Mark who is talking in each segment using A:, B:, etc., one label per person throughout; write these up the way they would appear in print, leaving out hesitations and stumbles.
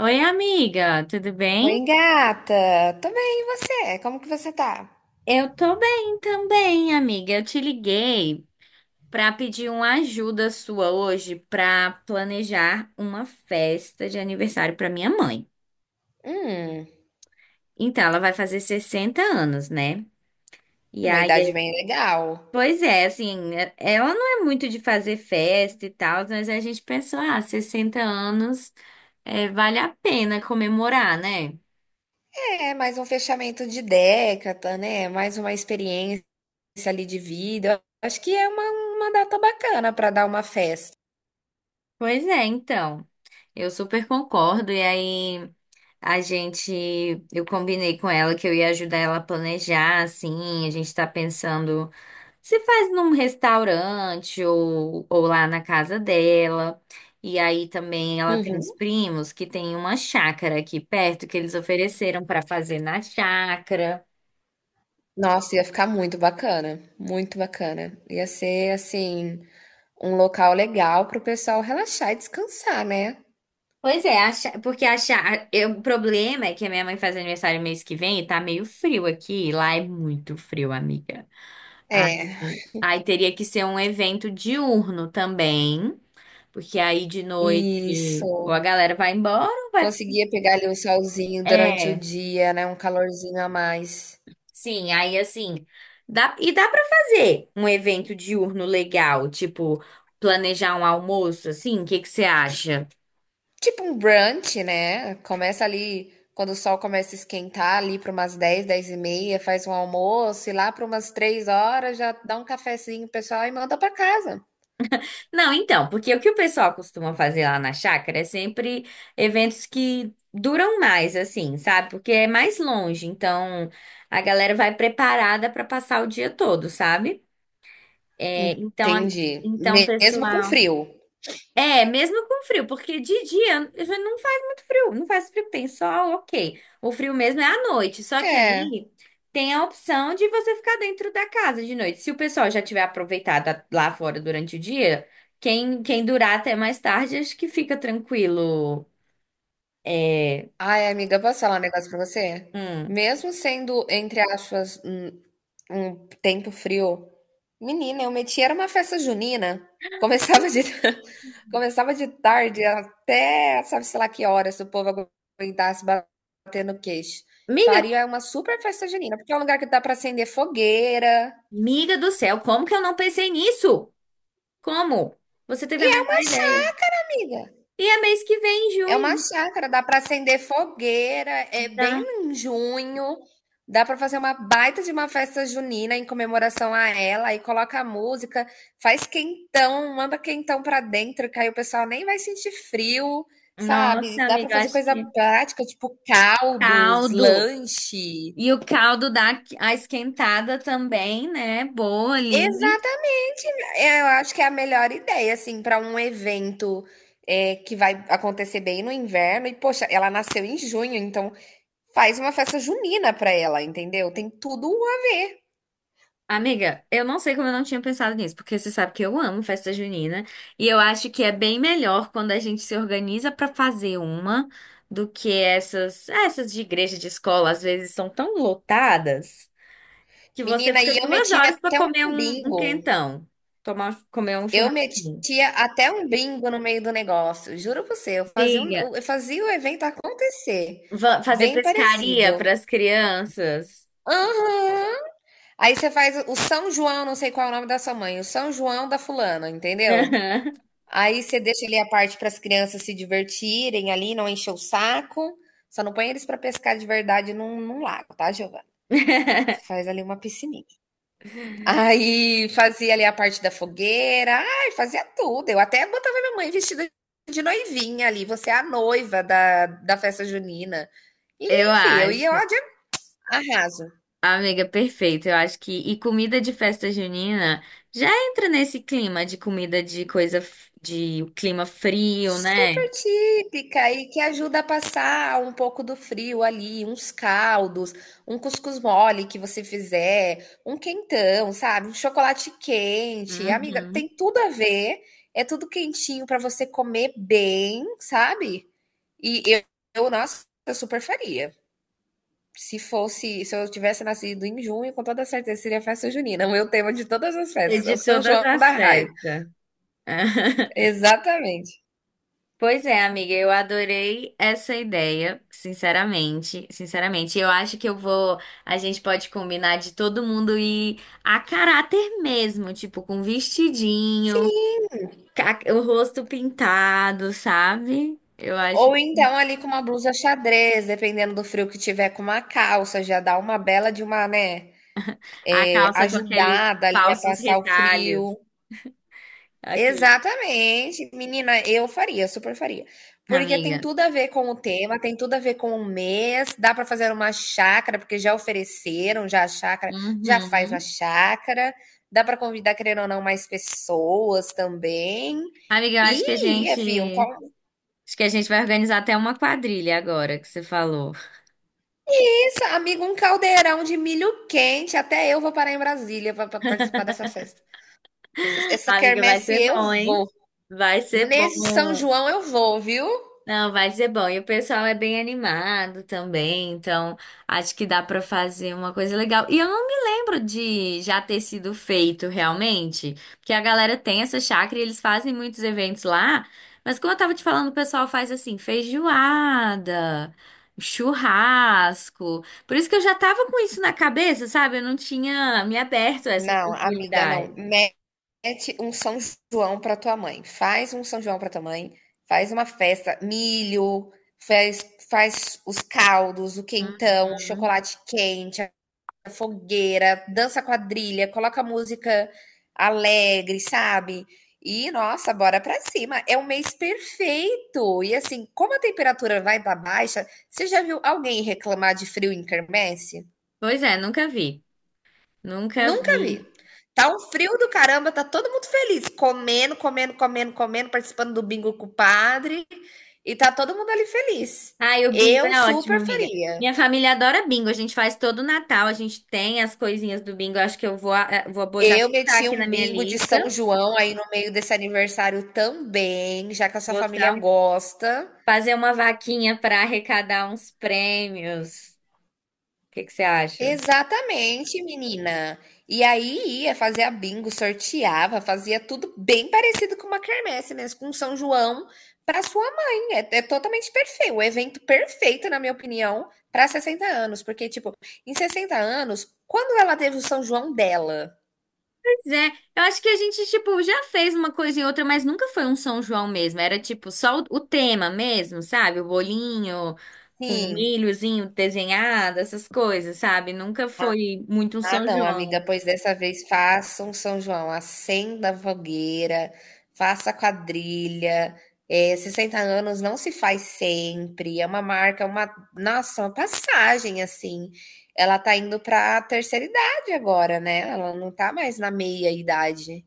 A: Oi, amiga, tudo
B: Oi,
A: bem?
B: gata. Tô bem, e você? Como que você tá?
A: Eu tô bem também, amiga. Eu te liguei pra pedir uma ajuda sua hoje pra planejar uma festa de aniversário pra minha mãe.
B: Hum,
A: Então, ela vai fazer 60 anos, né?
B: é
A: E
B: uma
A: aí,
B: idade
A: é-
B: bem legal.
A: pois é, assim, ela não é muito de fazer festa e tal, mas a gente pensou, ah, 60 anos, é, vale a pena comemorar, né?
B: É, mais um fechamento de década, né? Mais uma experiência ali de vida. Eu acho que é uma data bacana pra dar uma festa.
A: Pois é, então. Eu super concordo. E aí. A gente, eu combinei com ela que eu ia ajudar ela a planejar, assim, a gente tá pensando se faz num restaurante ou lá na casa dela. E aí também ela tem uns
B: Uhum.
A: primos que tem uma chácara aqui perto que eles ofereceram pra fazer na chácara.
B: Nossa, ia ficar muito bacana, muito bacana. Ia ser, assim, um local legal pro pessoal relaxar e descansar, né?
A: Pois é, a chá- porque a chá- eu- o problema é que a minha mãe faz aniversário mês que vem e tá meio frio aqui, e lá é muito frio, amiga.
B: É,
A: Aí teria que ser um evento diurno também. Porque aí de noite ou a
B: isso.
A: galera vai embora, ou vai.
B: Conseguia pegar ali um solzinho durante o
A: É,
B: dia, né? Um calorzinho a mais.
A: sim, aí assim. E dá pra fazer um evento diurno legal, tipo, planejar um almoço, assim, o que que você acha?
B: Tipo um brunch, né? Começa ali, quando o sol começa a esquentar, ali para umas 10, 10 e meia, faz um almoço e lá para umas 3 horas já dá um cafezinho pro pessoal e manda para casa.
A: Não, então, porque o que o pessoal costuma fazer lá na chácara é sempre eventos que duram mais, assim, sabe? Porque é mais longe, então a galera vai preparada pra passar o dia todo, sabe? É, então, a-
B: Entendi.
A: então,
B: Mesmo com
A: pessoal.
B: frio.
A: É, mesmo com frio, porque de dia já não faz muito frio, não faz frio, tem sol, ok. O frio mesmo é à noite, só que
B: É.
A: aí tem a opção de você ficar dentro da casa de noite. Se o pessoal já tiver aproveitado lá fora durante o dia, quem durar até mais tarde, acho que fica tranquilo. É,
B: Ai, amiga, posso falar um negócio para você?
A: hum.
B: Mesmo sendo, entre aspas, um tempo frio, menina, eu metia, era uma festa junina. Começava de. Começava de tarde até sabe-se lá que horas, se o povo aguentasse bater no queixo.
A: Miga,
B: Faria uma super festa junina, porque é um lugar que dá para acender fogueira.
A: miga do céu, como que eu não pensei nisso? Como? Você
B: E
A: teve a
B: é
A: melhor
B: uma chá,
A: ideia.
B: amiga.
A: E é mês que vem, em
B: É uma
A: junho,
B: chácara, dá para acender fogueira, é bem
A: tá?
B: em junho, dá para fazer uma baita de uma festa junina em comemoração a ela, aí coloca a música, faz quentão, manda quentão para dentro, que aí o pessoal nem vai sentir frio,
A: Nossa,
B: sabe? Dá para
A: amiga,
B: fazer
A: acho
B: coisa
A: que
B: prática, tipo caldos,
A: caldo.
B: lanche.
A: E o caldo dá a esquentada também, né? Boa ali.
B: Exatamente, é, eu acho que é a melhor ideia, assim, para um evento é, que vai acontecer bem no inverno. E, poxa, ela nasceu em junho, então faz uma festa junina pra ela, entendeu? Tem tudo a ver.
A: Amiga, eu não sei como eu não tinha pensado nisso, porque você sabe que eu amo festa junina e eu acho que é bem melhor quando a gente se organiza pra fazer uma do que essas de igreja de escola, às vezes são tão lotadas que você
B: Menina,
A: fica
B: e eu
A: duas
B: metia
A: horas pra
B: até um
A: comer um
B: bingo.
A: quentão, comer um
B: Eu
A: churrasquinho.
B: metia até um bingo no meio do negócio. Juro pra você,
A: Amiga,
B: eu fazia o evento acontecer.
A: fazer
B: Bem
A: pescaria
B: parecido.
A: pras crianças.
B: Aham. Aí você faz o São João, não sei qual é o nome da sua mãe, o São João da fulana, entendeu? Aí você deixa ali a parte para as crianças se divertirem ali, não encher o saco. Só não põe eles para pescar de verdade num lago, tá, Giovana? Você faz ali uma piscininha. Aí fazia ali a parte da fogueira, ai, fazia tudo. Eu até botava minha mãe vestida de noivinha ali, você é a noiva da festa junina. E,
A: Eu
B: enfim, eu
A: acho.
B: ia lá de arraso.
A: Amiga, perfeito. Eu acho que. E comida de festa junina já entra nesse clima de comida de coisa. De clima frio, né?
B: Super típica e que ajuda a passar um pouco do frio ali, uns caldos, um cuscuz mole que você fizer, um quentão, sabe? Um chocolate quente. Amiga,
A: Uhum.
B: tem tudo a ver. É tudo quentinho para você comer bem, sabe? E nossa, eu super faria. Se fosse, se eu tivesse nascido em junho, com toda certeza seria festa junina, o meu tema de todas as
A: E
B: festas, é
A: de
B: o São
A: todas
B: João da
A: as
B: Rai.
A: festas.
B: Exatamente.
A: Pois é, amiga, eu adorei essa ideia, sinceramente, sinceramente. Eu acho que eu vou, a gente pode combinar de todo mundo ir a caráter mesmo, tipo com vestidinho,
B: Sim.
A: o rosto pintado, sabe? Eu acho.
B: Ou então ali com uma blusa xadrez, dependendo do frio que tiver, com uma calça, já dá uma bela de uma, né,
A: A
B: é,
A: calça com aqueles
B: ajudada ali a
A: falsos
B: passar o
A: retalhos.
B: frio.
A: Aqui,
B: Exatamente. Menina, eu faria, super faria. Porque tem
A: amiga.
B: tudo a ver com o tema, tem tudo a ver com o mês, dá para fazer uma chácara, porque já ofereceram, já a chácara, já faz uma
A: Uhum.
B: chácara, dá para convidar, querendo ou não, mais pessoas também.
A: Amiga, eu acho que a
B: E, é,
A: gente.
B: fi, um cal-
A: Acho que a gente vai organizar até uma quadrilha agora que você falou.
B: isso, amigo, um caldeirão de milho quente. Até eu vou parar em Brasília para participar dessa festa. Essa essa
A: Amiga, vai
B: quermesse
A: ser
B: eu
A: bom, hein?
B: vou.
A: Vai ser
B: Nesse São
A: bom.
B: João eu vou, viu?
A: Não, vai ser bom. E o pessoal é bem animado também, então acho que dá pra fazer uma coisa legal. E eu não me lembro de já ter sido feito realmente, porque a galera tem essa chácara e eles fazem muitos eventos lá, mas como eu tava te falando, o pessoal faz assim, feijoada, churrasco. Por isso que eu já tava com isso na cabeça, sabe? Eu não tinha me aberto a essa
B: Não, amiga, não.
A: possibilidade.
B: Promete um São João para tua mãe. Faz um São João para tua mãe. Faz uma festa, milho, faz, faz os caldos, o quentão, o
A: Uhum.
B: chocolate quente, a fogueira, dança quadrilha, coloca música alegre, sabe? E nossa, bora pra cima. É um mês perfeito. E assim, como a temperatura vai estar baixa, você já viu alguém reclamar de frio em quermesse?
A: Pois é, nunca vi. Nunca
B: Nunca vi.
A: vi.
B: Tá um frio do caramba, tá todo mundo feliz, comendo, comendo, comendo, comendo, participando do bingo com o padre, e tá todo mundo ali feliz.
A: Ai, o bingo
B: Eu
A: é ótimo,
B: super
A: amiga.
B: faria.
A: Minha família adora bingo. A gente faz todo o Natal, a gente tem as coisinhas do bingo. Eu acho que eu vou, eh, vou já
B: Eu
A: botar
B: meti
A: aqui na
B: um
A: minha
B: bingo de
A: lista.
B: São João aí no meio desse aniversário também, já que a sua
A: Vou
B: família
A: tá-
B: gosta.
A: fazer uma vaquinha para arrecadar uns prêmios. O que que você acha?
B: Exatamente, menina. E aí ia, fazia bingo, sorteava, fazia tudo bem parecido com uma quermesse mesmo, com São João para sua mãe. É totalmente perfeito, o evento perfeito, na minha opinião, para 60 anos, porque tipo, em 60 anos, quando ela teve o São João dela?
A: Pois é, eu acho que a gente, tipo, já fez uma coisa e outra, mas nunca foi um São João mesmo. Era, tipo, o tema mesmo, sabe? O bolinho com
B: Sim.
A: milhozinho desenhado, essas coisas, sabe? Nunca foi muito um
B: Ah,
A: São
B: não, amiga,
A: João.
B: pois dessa vez faça um São João, acenda a fogueira, faça a quadrilha. É, 60 anos não se faz sempre, é uma marca, uma, nossa, uma passagem assim. Ela tá indo para a terceira idade agora, né? Ela não tá mais na meia idade.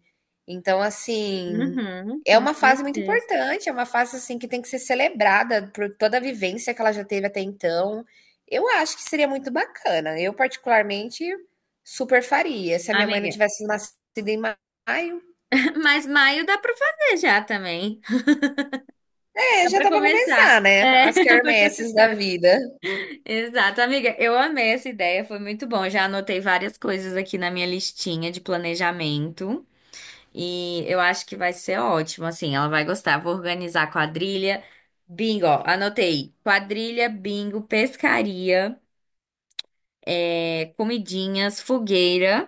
B: Então, assim,
A: Uhum,
B: é
A: com
B: uma fase muito
A: certeza.
B: importante, é uma fase assim que tem que ser celebrada por toda a vivência que ela já teve até então. Eu acho que seria muito bacana. Eu, particularmente, super faria. Se a minha mãe não
A: Amiga,
B: tivesse nascido em maio,
A: mas maio dá para fazer já também.
B: é,
A: Dá
B: já
A: para
B: dá pra
A: começar.
B: começar, né?
A: É,
B: As
A: para
B: quermesses da
A: começar.
B: vida.
A: Exato, amiga, eu amei essa ideia, foi muito bom. Já anotei várias coisas aqui na minha listinha de planejamento e eu acho que vai ser ótimo, assim, ela vai gostar. Vou organizar quadrilha, bingo, ó, anotei. Quadrilha, bingo, pescaria, é, comidinhas, fogueira.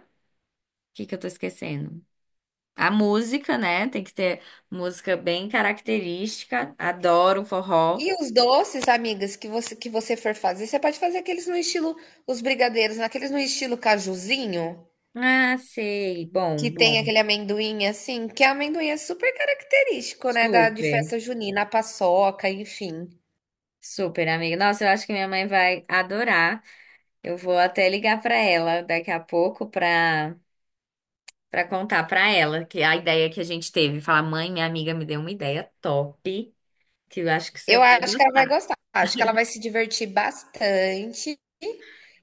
A: O que que eu tô esquecendo? A música, né? Tem que ter música bem característica. Adoro um forró.
B: E os doces, amigas, que que você for fazer, você pode fazer aqueles no estilo, os brigadeiros, naqueles no estilo cajuzinho,
A: Ah, sei. Bom,
B: que tem
A: bom.
B: aquele amendoim assim, que é amendoim é super característico, né, da, de
A: Super,
B: festa junina, a paçoca, enfim.
A: super, amiga. Nossa, eu acho que minha mãe vai adorar. Eu vou até ligar pra ela daqui a pouco pra para contar pra ela que a ideia que a gente teve. Falar, mãe, minha amiga me deu uma ideia top, que eu acho que você
B: Eu
A: vai
B: acho que ela vai
A: gostar.
B: gostar. Acho que ela vai se divertir bastante.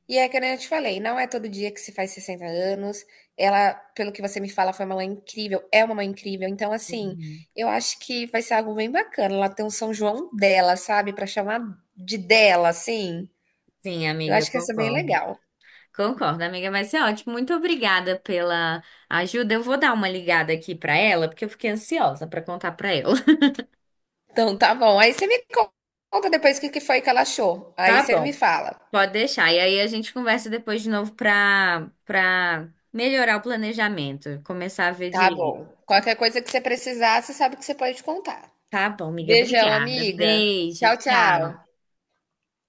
B: E é que nem eu te falei, não é todo dia que se faz 60 anos. Ela, pelo que você me fala, foi uma mãe incrível, é uma mãe incrível. Então, assim,
A: Uhum.
B: eu acho que vai ser algo bem bacana. Ela tem um São João dela, sabe? Pra chamar de dela, assim.
A: Sim,
B: Eu
A: amiga, eu
B: acho que ia ser bem
A: concordo.
B: legal.
A: Concordo, amiga, mas é ótimo. Muito obrigada pela ajuda. Eu vou dar uma ligada aqui pra ela, porque eu fiquei ansiosa pra contar pra ela.
B: Então, tá bom. Aí você me conta depois o que que foi que ela achou. Aí
A: Tá
B: você me
A: bom.
B: fala.
A: Pode deixar. E aí a gente conversa depois de novo pra para melhorar o planejamento, começar a ver
B: Tá
A: direito.
B: bom. Qualquer coisa que você precisar, você sabe que você pode contar.
A: Tá bom, amiga,
B: Beijão,
A: obrigada.
B: amiga.
A: Beijo,
B: Tchau,
A: tchau.
B: tchau.